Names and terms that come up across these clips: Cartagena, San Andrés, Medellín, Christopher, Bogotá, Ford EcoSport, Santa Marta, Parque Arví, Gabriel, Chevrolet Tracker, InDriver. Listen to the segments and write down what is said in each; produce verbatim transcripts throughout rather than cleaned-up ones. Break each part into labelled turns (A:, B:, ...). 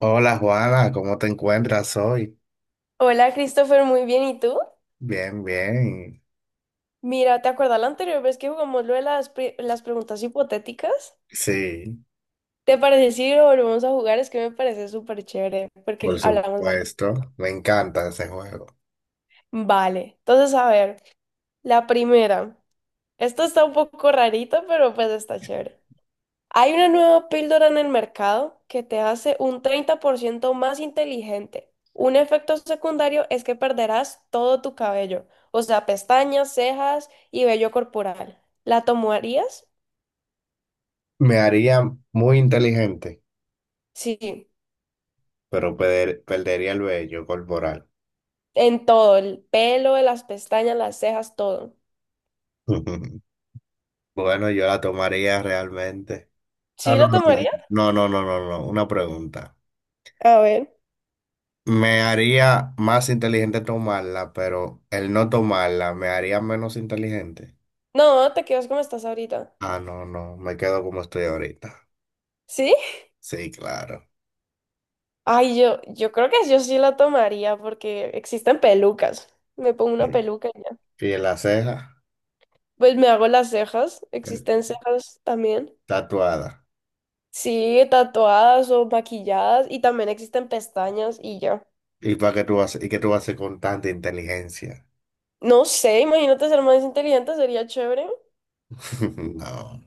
A: Hola Juana, ¿cómo te encuentras hoy?
B: Hola Christopher, muy bien. ¿Y tú?
A: Bien, bien.
B: Mira, ¿te acuerdas la anterior vez que jugamos lo de las, pre- las preguntas hipotéticas?
A: Sí,
B: ¿Te parece si lo volvemos a jugar? Es que me parece súper chévere porque
A: por
B: hablamos.
A: supuesto. Me encanta ese juego.
B: Vale, entonces a ver, la primera. Esto está un poco rarito, pero pues está chévere. Hay una nueva píldora en el mercado que te hace un treinta por ciento más inteligente. Un efecto secundario es que perderás todo tu cabello, o sea, pestañas, cejas y vello corporal. ¿La tomarías?
A: Me haría muy inteligente,
B: Sí,
A: pero perder- perdería el vello corporal.
B: en todo, el pelo, las pestañas, las cejas, todo.
A: Bueno, yo la tomaría realmente. Ah,
B: ¿Sí
A: no,
B: lo tomaría?
A: no, no, no, no, no, no, no, una pregunta.
B: A ver.
A: Me haría más inteligente tomarla, pero el no tomarla me haría menos inteligente.
B: No, te quedas como estás ahorita.
A: Ah, no, no, me quedo como estoy ahorita.
B: ¿Sí?
A: Sí, claro.
B: Ay, yo, yo creo que yo sí la tomaría porque existen pelucas. Me pongo
A: ¿Y
B: una peluca y ya.
A: en la ceja?
B: Pues me hago las cejas,
A: eh,
B: existen cejas también.
A: Tatuada.
B: Sí, tatuadas o maquilladas y también existen pestañas y ya.
A: ¿Y para qué tú haces, y qué tú haces con tanta inteligencia?
B: No sé, imagínate ser más inteligente, sería chévere.
A: No,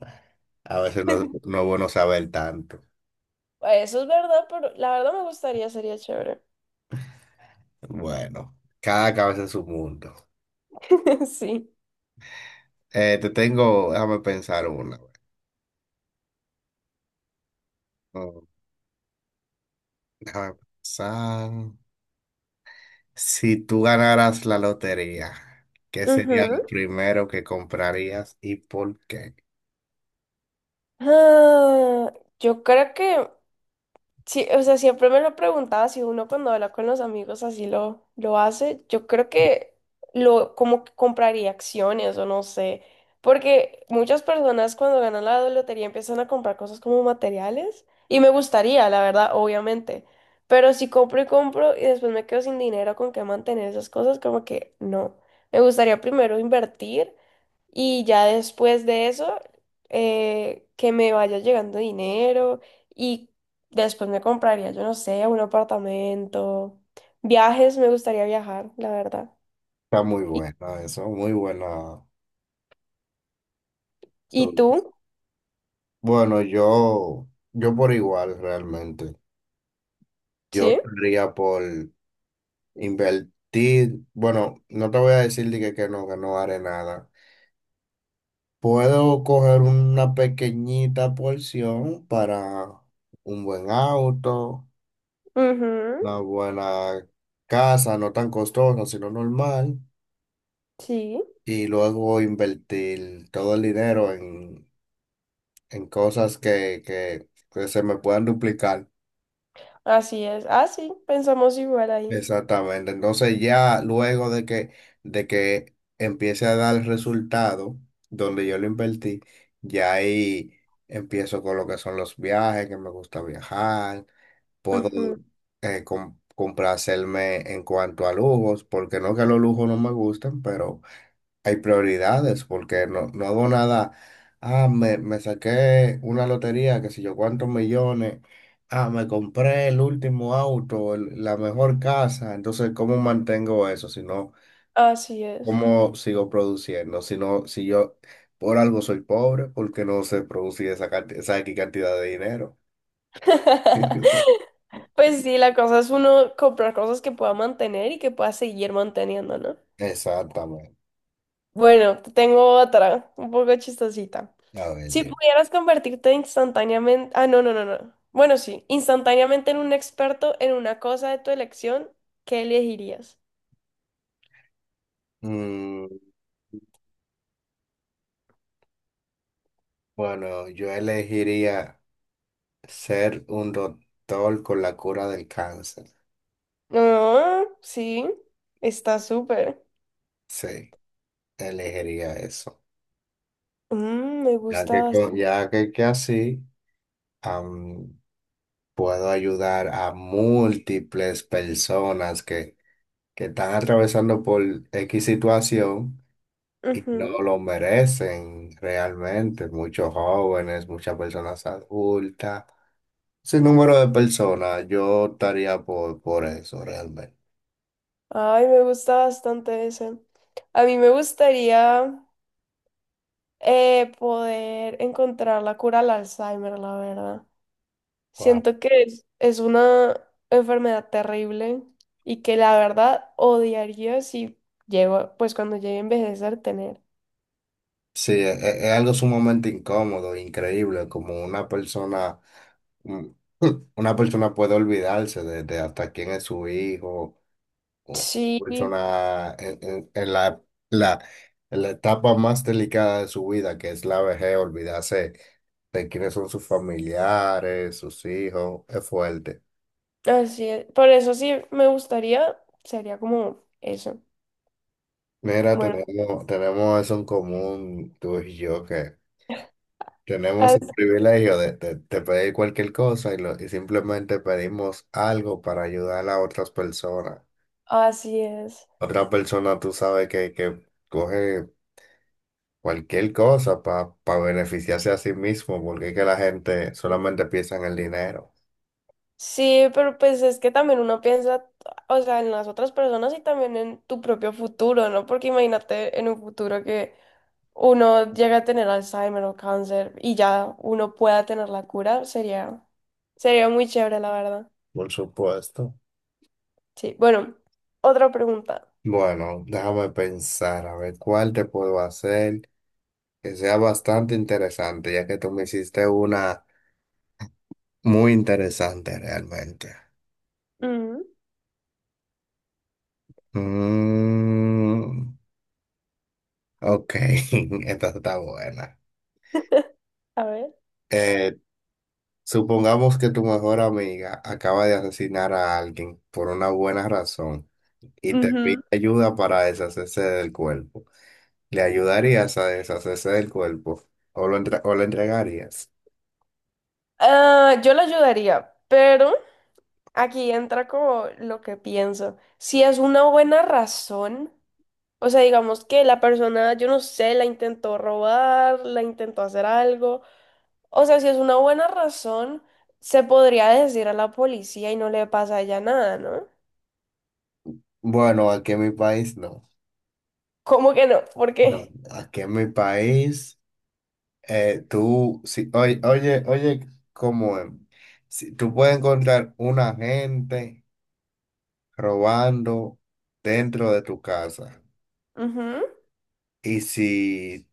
A: a veces no, no es bueno saber tanto.
B: Eso es verdad, pero la verdad me gustaría, sería chévere.
A: Bueno, cada cabeza en su mundo.
B: Sí.
A: Eh, te tengo, déjame pensar una. Oh, déjame pensar. Si tú ganaras la lotería, ¿qué sería lo
B: Ujú.
A: primero que comprarías y por qué?
B: Ah, yo creo que sí. O sea, siempre me lo preguntaba si uno cuando habla con los amigos así lo, lo hace. Yo creo que lo como que compraría acciones o no sé, porque muchas personas cuando ganan la lotería empiezan a comprar cosas como materiales y me gustaría, la verdad, obviamente. Pero si compro y compro y después me quedo sin dinero con qué mantener esas cosas, como que no. Me gustaría primero invertir. Y ya después de eso, eh, que me vaya llegando dinero. Y después me compraría, yo no sé, un apartamento. Viajes, me gustaría viajar, la verdad.
A: Está muy
B: ¿Y,
A: bueno eso, muy buena.
B: y tú?
A: Bueno, yo, yo por igual realmente. Yo
B: Sí.
A: optaría por invertir, bueno, no te voy a decir de que, que no, que no haré nada. Puedo coger una pequeñita porción para un buen auto,
B: Ujú.
A: una buena casa, no tan costosa, sino normal,
B: Sí.
A: y luego invertir todo el dinero en, en cosas que, que, que se me puedan duplicar.
B: Así es. Ah, sí, pensamos igual ahí.
A: Exactamente. Entonces ya luego de que, de que empiece a dar el resultado donde yo lo invertí, ya ahí empiezo con lo que son los viajes, que me gusta viajar. Puedo
B: Ujú.
A: eh, com- complacerme en cuanto a lujos, porque no que los lujos no me gustan, pero hay prioridades, porque no, no hago nada. Ah, me, me saqué una lotería, qué sé yo, cuántos millones. Ah, me compré el último auto, el- la mejor casa. Entonces, ¿cómo mantengo eso? Si no,
B: Así es.
A: ¿cómo sigo produciendo? Si no, si yo por algo soy pobre, ¿porque no se produce esa, canti- esa X cantidad de dinero?
B: Pues sí, la cosa es uno comprar cosas que pueda mantener y que pueda seguir manteniendo, ¿no?
A: Exactamente.
B: Bueno, te tengo otra, un poco chistosita.
A: A ver,
B: Si
A: dime.
B: pudieras convertirte instantáneamente, ah, no, no, no, no. Bueno, sí, instantáneamente en un experto en una cosa de tu elección, ¿qué elegirías?
A: Mm, bueno, yo elegiría ser un doctor con la cura del cáncer.
B: Ah, sí, está súper.
A: Sí, elegiría eso.
B: Mm, me
A: Ya que,
B: gusta
A: co- ya que, que así am, puedo ayudar a múltiples personas que, que están atravesando por X situación y no
B: bastante.
A: lo merecen realmente. Muchos jóvenes, muchas personas adultas, sin número de personas, yo estaría por, por eso realmente.
B: Ay, me gusta bastante ese. A mí me gustaría eh, poder encontrar la cura al Alzheimer, la verdad.
A: Wow.
B: Siento que es, es una enfermedad terrible y que la verdad odiaría si llego, pues cuando llegue a envejecer, tener.
A: Sí, es, es es algo sumamente incómodo, increíble, como una persona mm, Una persona puede olvidarse de, de hasta quién es su hijo, o
B: Sí,
A: una persona en, en- en la, la, en la etapa más delicada de su vida, que es la vejez, olvidarse de quiénes son sus familiares, sus hijos, es fuerte.
B: así es. Por eso sí me gustaría, sería como eso.
A: Mira,
B: Bueno,
A: tenemos, tenemos eso en común, tú y yo, que tenemos el
B: as-
A: privilegio de, de- de pedir cualquier cosa y, lo- y simplemente pedimos algo para ayudar a otras personas.
B: así es.
A: Otra persona, tú sabes que, que coge cualquier cosa para beneficiarse a sí mismo, porque es que la gente solamente piensa en el dinero.
B: Sí, pero pues es que también uno piensa, o sea, en las otras personas y también en tu propio futuro, ¿no? Porque imagínate en un futuro que uno llega a tener Alzheimer o cáncer y ya uno pueda tener la cura, sería, sería muy chévere, la verdad.
A: Por supuesto.
B: Sí, bueno, otra pregunta.
A: Bueno, déjame pensar, a ver cuál te puedo hacer que sea bastante interesante, ya que tú me hiciste una muy interesante realmente.
B: Ujú,
A: Mm, ok, esta está buena.
B: a ver.
A: Eh, Supongamos que tu mejor amiga acaba de asesinar a alguien por una buena razón y te
B: Ujú.
A: pide ayuda para deshacerse del cuerpo. ¿Le ayudarías a deshacerse del cuerpo o lo, entre- o lo entregarías?
B: Ah, yo la ayudaría, pero aquí entra como lo que pienso. Si es una buena razón, o sea, digamos que la persona, yo no sé, la intentó robar, la intentó hacer algo. O sea, si es una buena razón, se podría decir a la policía y no le pasa a ella nada, ¿no?
A: Bueno, aquí en mi país no.
B: ¿Cómo que no? ¿Por
A: No,
B: qué?
A: aquí en mi país, eh, tú, si, oye, oye, oye, ¿cómo es? Si, tú puedes encontrar una gente robando dentro de tu casa.
B: Ujú.
A: Y si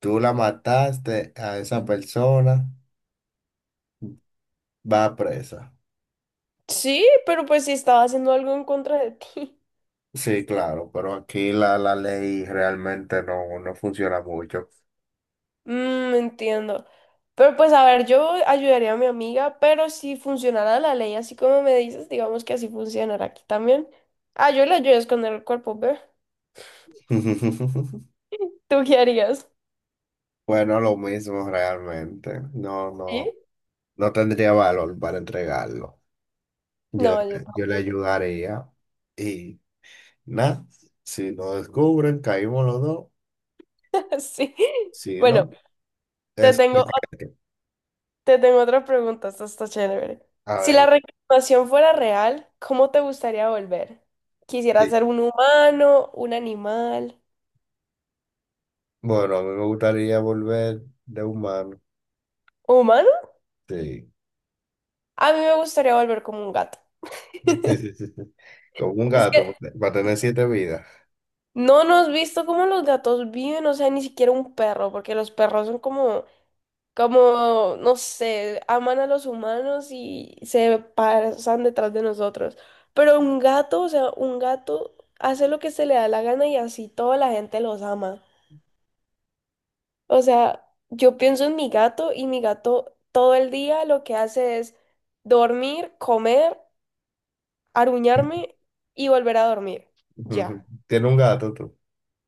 A: tú la mataste a esa persona, va presa.
B: Sí, pero pues si estaba haciendo algo en contra de ti.
A: Sí, claro, pero aquí la, la ley realmente no, no funciona mucho.
B: Mm, entiendo. Pero pues a ver, yo ayudaría a mi amiga, pero si funcionara la ley así como me dices, digamos que así funcionará aquí también. Ah, yo le ayudo a esconder el cuerpo, ¿ve? ¿Tú qué harías?
A: Bueno, lo mismo realmente. No,
B: ¿Sí?
A: no, no tendría valor para entregarlo. Yo,
B: No, yo
A: yo le
B: tampoco.
A: ayudaría. Y nada, si lo descubren, caímos los dos.
B: Sí.
A: Si no,
B: Bueno, te
A: es...
B: tengo Te tengo otra pregunta, esta está chévere.
A: A
B: Si la
A: ver.
B: reencarnación fuera real, ¿cómo te gustaría volver? ¿Quisiera
A: Sí.
B: ser un humano, un animal?
A: Bueno, a mí me gustaría volver de humano.
B: ¿Humano?
A: Sí.
B: A mí me gustaría volver como un gato.
A: Sí, sí, sí, sí. Como un
B: Es que
A: gato, para tener siete vidas.
B: no nos has visto cómo los gatos viven, o sea, ni siquiera un perro, porque los perros son como, como, no sé, aman a los humanos y se pasan detrás de nosotros. Pero un gato, o sea, un gato hace lo que se le da la gana y así toda la gente los ama. O sea, yo pienso en mi gato y mi gato todo el día lo que hace es dormir, comer, aruñarme y volver a dormir. Ya.
A: ¿Tiene un gato tú?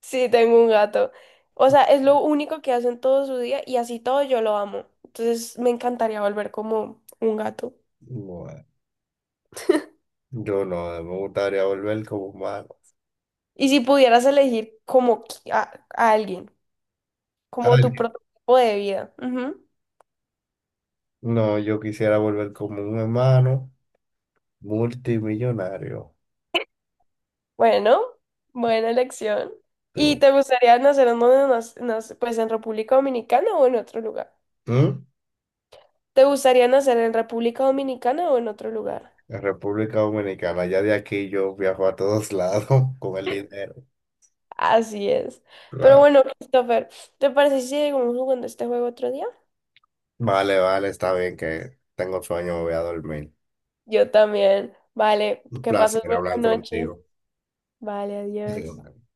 B: Sí, tengo un gato. O sea, es lo único que hace en todo su día y así todo yo lo amo. Entonces me encantaría volver como un gato.
A: Bueno, yo no, me gustaría volver como humano.
B: Y si pudieras elegir como qui- a, a alguien, como tu
A: Alguien.
B: prototipo de vida. Ujú.
A: No, yo quisiera volver como un hermano multimillonario.
B: Bueno, buena elección.
A: Sí.
B: ¿Y te gustaría nacer en donde nas- nas- pues en República Dominicana o en otro lugar?
A: ¿Mm?
B: ¿Te gustaría nacer en República Dominicana o en otro lugar?
A: En República Dominicana, ya de aquí yo viajo a todos lados con el dinero.
B: Así es. Pero
A: Claro.
B: bueno, Christopher, ¿te parece si seguimos jugando este juego otro día?
A: Vale, vale, está bien que tengo sueño, me voy a dormir.
B: Yo también. Vale,
A: Un
B: que pases
A: placer hablar
B: buena noche.
A: contigo.
B: Vale, adiós.